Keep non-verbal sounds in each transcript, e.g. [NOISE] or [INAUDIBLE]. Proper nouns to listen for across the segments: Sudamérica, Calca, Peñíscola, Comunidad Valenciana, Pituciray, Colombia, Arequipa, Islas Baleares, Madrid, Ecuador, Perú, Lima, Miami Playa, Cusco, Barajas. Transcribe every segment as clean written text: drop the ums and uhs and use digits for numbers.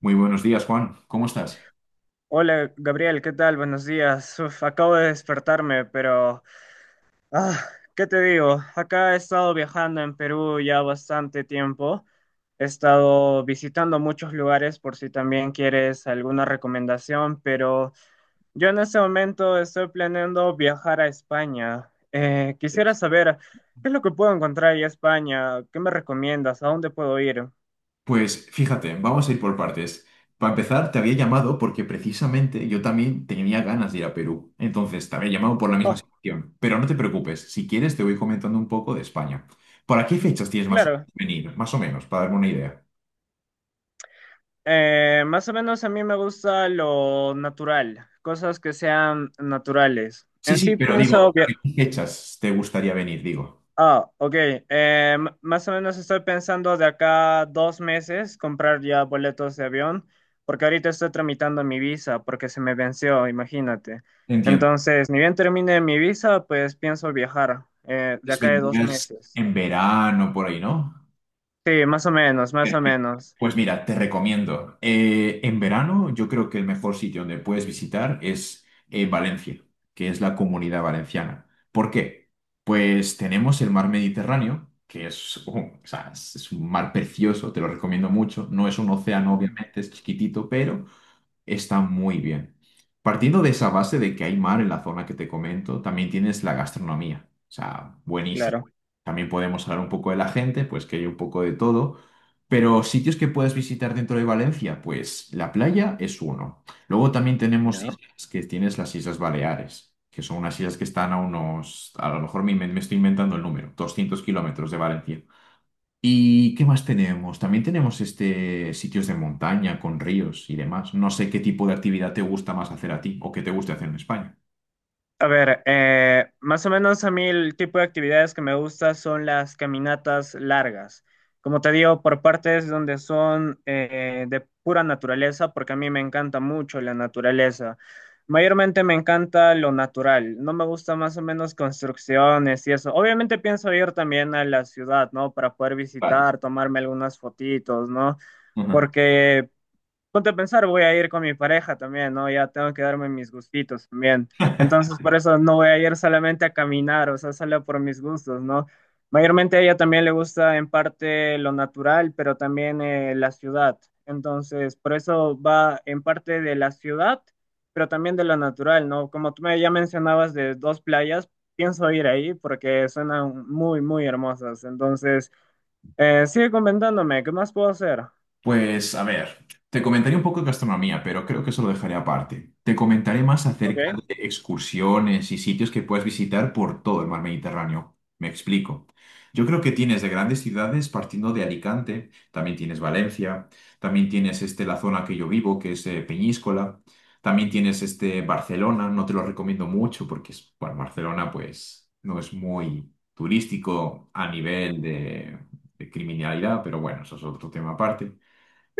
Muy buenos días, Juan. ¿Cómo estás? Hola Gabriel, ¿qué tal? Buenos días. Uf, acabo de despertarme, pero ah, ¿qué te digo? Acá he estado viajando en Perú ya bastante tiempo. He estado visitando muchos lugares por si también quieres alguna recomendación, pero yo en este momento estoy planeando viajar a España. Quisiera saber qué es lo que puedo encontrar en España, qué me recomiendas, a dónde puedo ir. Pues fíjate, vamos a ir por partes. Para empezar, te había llamado porque precisamente yo también tenía ganas de ir a Perú. Entonces, te había llamado por la misma Oh, situación. Pero no te preocupes, si quieres te voy comentando un poco de España. ¿Para qué fechas tienes claro. venir? Más o menos, para darme una idea. Más o menos a mí me gusta lo natural, cosas que sean naturales. Sí, En sí, sí pero pienso digo, via- ¿qué fechas te gustaría venir? Digo. Ah, ok. Más o menos estoy pensando de acá 2 meses comprar ya boletos de avión, porque ahorita estoy tramitando mi visa, porque se me venció, imagínate. Entiendo. Entonces, ni bien termine mi visa, pues pienso viajar de Entonces, acá de dos vendrías meses. en verano por ahí, ¿no? Sí, más o menos, más o menos. Pues mira, te recomiendo. En verano yo creo que el mejor sitio donde puedes visitar es Valencia, que es la Comunidad Valenciana. ¿Por qué? Pues tenemos el mar Mediterráneo, o sea, es un mar precioso, te lo recomiendo mucho. No es un océano, Mm. obviamente, es chiquitito, pero está muy bien. Partiendo de esa base de que hay mar en la zona que te comento, también tienes la gastronomía, o sea, buenísima. Claro. También podemos hablar un poco de la gente, pues que hay un poco de todo. Pero sitios que puedes visitar dentro de Valencia, pues la playa es uno. Luego también tenemos Ya. islas, que tienes las Islas Baleares, que son unas islas que están a unos, a lo mejor me estoy inventando el número, 200 kilómetros de Valencia. ¿Y qué más tenemos? También tenemos sitios de montaña con ríos y demás. No sé qué tipo de actividad te gusta más hacer a ti o qué te guste hacer en España. A ver, más o menos a mí el tipo de actividades que me gusta son las caminatas largas. Como te digo, por partes donde son de pura naturaleza, porque a mí me encanta mucho la naturaleza. Mayormente me encanta lo natural. No me gusta más o menos construcciones y eso. Obviamente pienso ir también a la ciudad, ¿no? Para poder Claro. visitar, tomarme algunas fotitos, ¿no? Ujú. Porque Ponte a pensar, voy a ir con mi pareja también, ¿no? Ya tengo que darme mis gustitos también. Entonces, por eso no voy a ir solamente a caminar, o sea, solo por mis gustos, ¿no? Mayormente a ella también le gusta en parte lo natural, pero también la ciudad. Entonces, por eso va en parte de la ciudad, pero también de lo natural, ¿no? Como tú me ya mencionabas de dos playas, pienso ir ahí porque suenan muy, muy hermosas. Entonces, sigue comentándome, ¿qué más puedo hacer? Pues a ver, te comentaré un poco de gastronomía, pero creo que eso lo dejaré aparte. Te comentaré más Ok, acerca de excursiones y sitios que puedes visitar por todo el mar Mediterráneo. Me explico. Yo creo que tienes de grandes ciudades, partiendo de Alicante, también tienes Valencia, también tienes la zona que yo vivo, que es Peñíscola, también tienes Barcelona, no te lo recomiendo mucho porque es, bueno, Barcelona pues no es muy turístico a nivel de criminalidad, pero bueno, eso es otro tema aparte.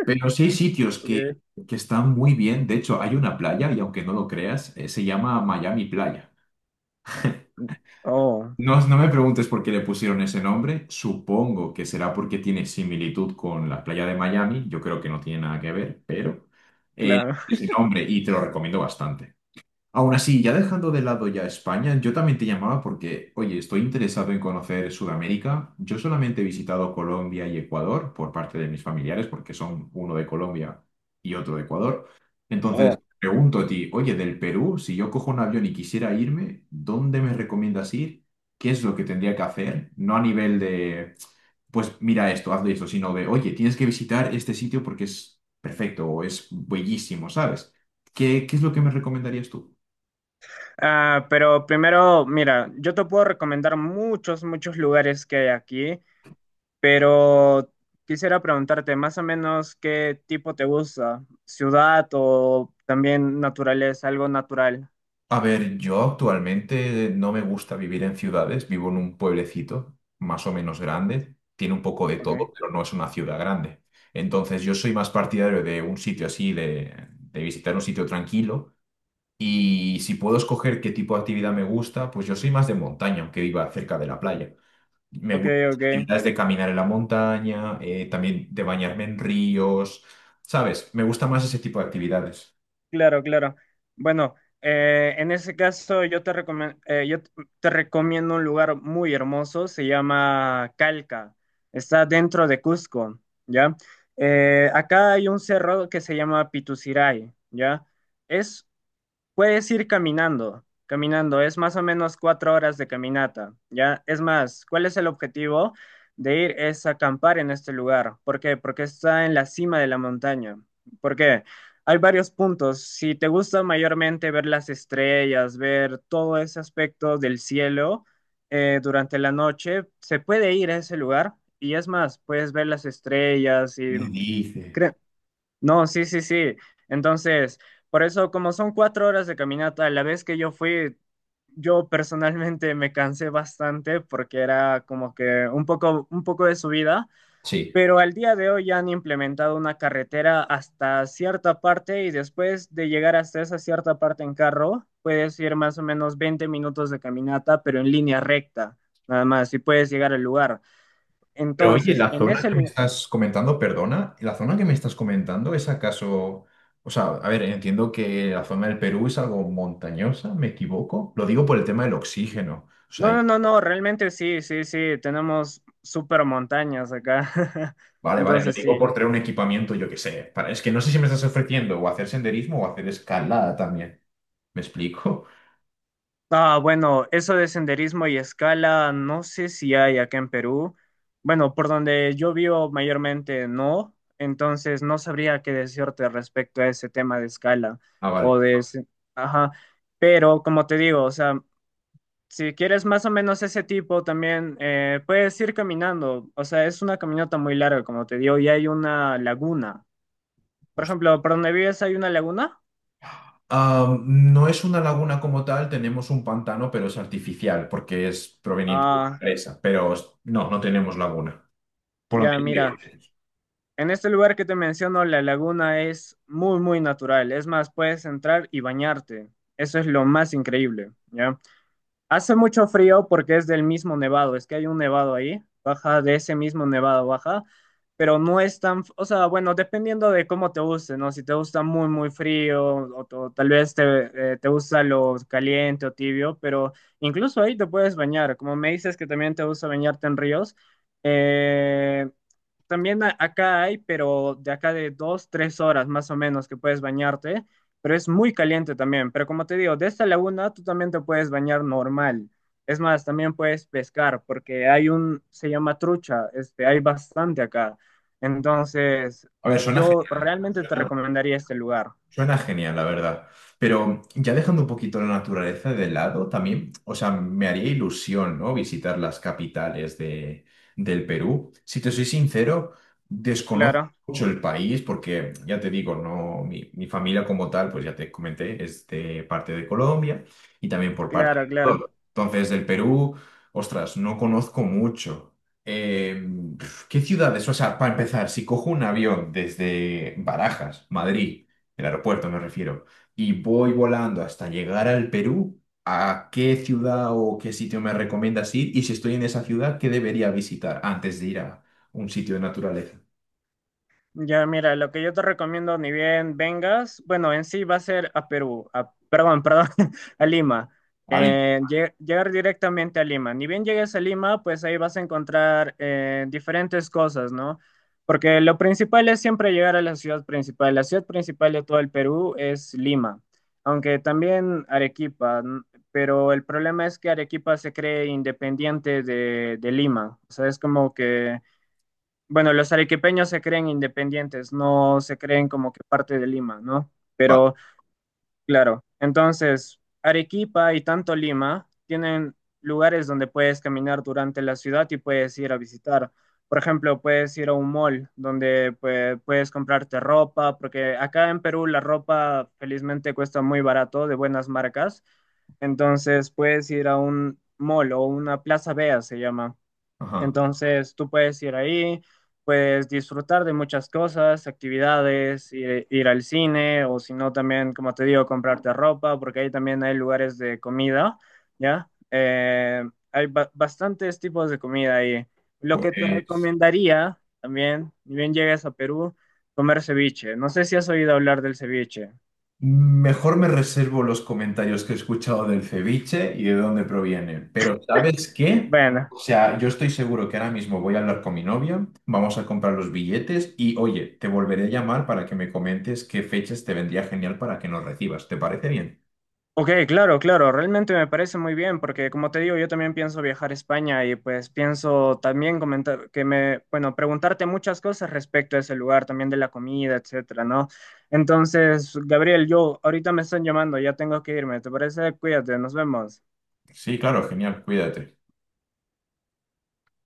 Pero sí hay sitios ok. que están muy bien. De hecho, hay una playa, y aunque no lo creas, se llama Miami Playa. Oh, No, no me preguntes por qué le pusieron ese nombre. Supongo que será porque tiene similitud con la playa de Miami. Yo creo que no tiene nada que ver, pero eh, claro. ese nombre y te lo recomiendo bastante. Aún así, ya dejando de lado ya España, yo también te llamaba porque, oye, estoy interesado en conocer Sudamérica. Yo solamente he visitado Colombia y Ecuador por parte de mis familiares, porque son uno de Colombia y otro de Ecuador. Entonces, Oh. pregunto a ti, oye, del Perú, si yo cojo un avión y quisiera irme, ¿dónde me recomiendas ir? ¿Qué es lo que tendría que hacer? No a nivel de, pues mira esto, hazlo esto, sino de, oye, tienes que visitar este sitio porque es perfecto o es bellísimo, ¿sabes? ¿Qué, qué es lo que me recomendarías tú? Ah, pero primero, mira, yo te puedo recomendar muchos, muchos lugares que hay aquí, pero quisiera preguntarte más o menos qué tipo te gusta, ciudad o también naturaleza, algo natural. A ver, yo actualmente no me gusta vivir en ciudades, vivo en un pueblecito más o menos grande, tiene un poco de Ok, todo, pero no es una ciudad grande. Entonces yo soy más partidario de un sitio así, de visitar un sitio tranquilo y si puedo escoger qué tipo de actividad me gusta, pues yo soy más de montaña, aunque viva cerca de la playa. Me ok, gustan las ok. actividades de caminar en la montaña, también de bañarme en ríos, ¿sabes? Me gusta más ese tipo de actividades. Claro, claro. Bueno, en ese caso yo te recomen- yo t- te recomiendo un lugar muy hermoso, se llama Calca, está dentro de Cusco, ¿ya? Acá hay un cerro que se llama Pituciray, ¿ya? Es Puedes ir caminando, caminando, es más o menos 4 horas de caminata, ¿ya? Es más, ¿cuál es el objetivo de ir? Es acampar en este lugar. ¿Por qué? Porque está en la cima de la montaña. ¿Por qué? Hay varios puntos. Si te gusta mayormente ver las estrellas, ver todo ese aspecto del cielo durante la noche, se puede ir a ese lugar y es más, puedes ver las estrellas ¿Qué y... dices? No, sí, sí, sí. Entonces, por eso, como son 4 horas de caminata, la vez que yo fui, yo personalmente me cansé bastante porque era como que un poco de subida, Sí. pero al día de hoy ya han implementado una carretera hasta cierta parte y después de llegar hasta esa cierta parte en carro, puedes ir más o menos 20 minutos de caminata, pero en línea recta, nada más, y puedes llegar al lugar. Pero oye, Entonces, la en zona ese, que me lu- estás comentando, perdona, la zona que me estás comentando es acaso, o sea, a ver, entiendo que la zona del Perú es algo montañosa, ¿me equivoco? Lo digo por el tema del oxígeno. O No, sea, no, no, no, realmente sí, sí, sí, tenemos super montañas acá. [LAUGHS] vale, vale, lo Entonces digo sí. por traer un equipamiento, yo qué sé. Para, es que no sé si me estás ofreciendo o hacer senderismo o hacer escalada también. ¿Me explico? Ah, bueno, eso de senderismo y escala, no sé si hay acá en Perú. Bueno, por donde yo vivo mayormente no, entonces no sabría qué decirte respecto a ese tema de escala Ah, vale. o de ese- Ajá, pero como te digo, o sea, si quieres más o menos ese tipo también, puedes ir caminando, o sea, es una caminata muy larga, como te digo, y hay una laguna. Por Hostia. ejemplo, por donde vives hay una laguna. Ah, no es una laguna como tal, tenemos un pantano, pero es artificial porque es proveniente de una Ah, presa, pero no, no tenemos laguna. Por lo ya, mira. tanto, En este lugar que te menciono, la laguna es muy, muy natural. Es más, puedes entrar y bañarte. Eso es lo más increíble, ¿ya? Hace mucho frío porque es del mismo nevado, es que hay un nevado ahí, baja de ese mismo nevado, baja, pero no es tan, o sea, bueno, dependiendo de cómo te guste, ¿no? Si te gusta muy, muy frío o tal vez te, te gusta lo caliente o tibio, pero incluso ahí te puedes bañar, como me dices que también te gusta bañarte en ríos, eh, también acá hay, pero de acá de 2, 3 horas más o menos que puedes bañarte, pero es muy caliente también. Pero como te digo, de esta laguna tú también te puedes bañar normal. Es más, también puedes pescar porque hay un, se llama trucha, este, hay bastante acá. Entonces, a ver, yo realmente te recomendaría este lugar. suena genial, la verdad. Pero ya dejando un poquito la naturaleza de lado, también, o sea, me haría ilusión, ¿no? Visitar las capitales del Perú. Si te soy sincero, desconozco Claro, mucho el país porque, ya te digo, no, mi familia como tal, pues ya te comenté, es de parte de Colombia y también por parte claro, claro. entonces, del Perú, ostras, no conozco mucho. Eh, Pf, ¿qué ciudades? O sea, para empezar, si cojo un avión desde Barajas, Madrid, el aeropuerto me refiero, y voy volando hasta llegar al Perú, ¿a qué ciudad o qué sitio me recomiendas ir? Y si estoy en esa ciudad, ¿qué debería visitar antes de ir a un sitio de naturaleza? Ya, mira, lo que yo te recomiendo, ni bien vengas, bueno, en sí va a ser a Perú, perdón, perdón, [LAUGHS] a Lima. Vale, Llegar directamente a Lima. Ni bien llegues a Lima, pues ahí vas a encontrar diferentes cosas, ¿no? Porque lo principal es siempre llegar a la ciudad principal. La ciudad principal de todo el Perú es Lima, aunque también Arequipa, n- pero el problema es que Arequipa se cree independiente de Lima. O sea, es como que... Bueno, los arequipeños se creen independientes, no se creen como que parte de Lima, ¿no? vale. Pero claro, entonces Arequipa y tanto Lima tienen lugares donde puedes caminar durante la ciudad y puedes ir a visitar. Por ejemplo, puedes ir a un mall donde pues, puedes comprarte ropa, porque acá en Perú la ropa felizmente cuesta muy barato, de buenas marcas. Entonces puedes ir a un mall o una plaza vea, se llama Ajá. entonces tú puedes ir ahí, puedes disfrutar de muchas cosas, actividades, ir, ir al cine o si no también, como te digo, comprarte ropa, porque ahí también hay lugares de comida, ¿ya? Hay bastantes tipos de comida ahí. Lo que te Pues recomendaría también, ni bien llegues a Perú, comer ceviche. No sé si has oído hablar del ceviche. mejor me reservo los comentarios que he escuchado del ceviche y de dónde proviene. Pero ¿sabes qué? Bueno. O sea, yo estoy seguro que ahora mismo voy a hablar con mi novia, vamos a comprar los billetes y oye, te volveré a llamar para que me comentes qué fechas te vendría genial para que nos recibas. ¿Te parece bien? Ok, claro, claro, realmente me parece muy bien porque como te digo, yo también pienso viajar a España y pues pienso también comentar que me, bueno, preguntarte muchas cosas respecto a ese lugar, también de la comida, etcétera, ¿no? Entonces, Gabriel, yo ahorita me están llamando, ya tengo que irme, ¿te parece? Cuídate, nos vemos. Sí, claro, genial, cuídate.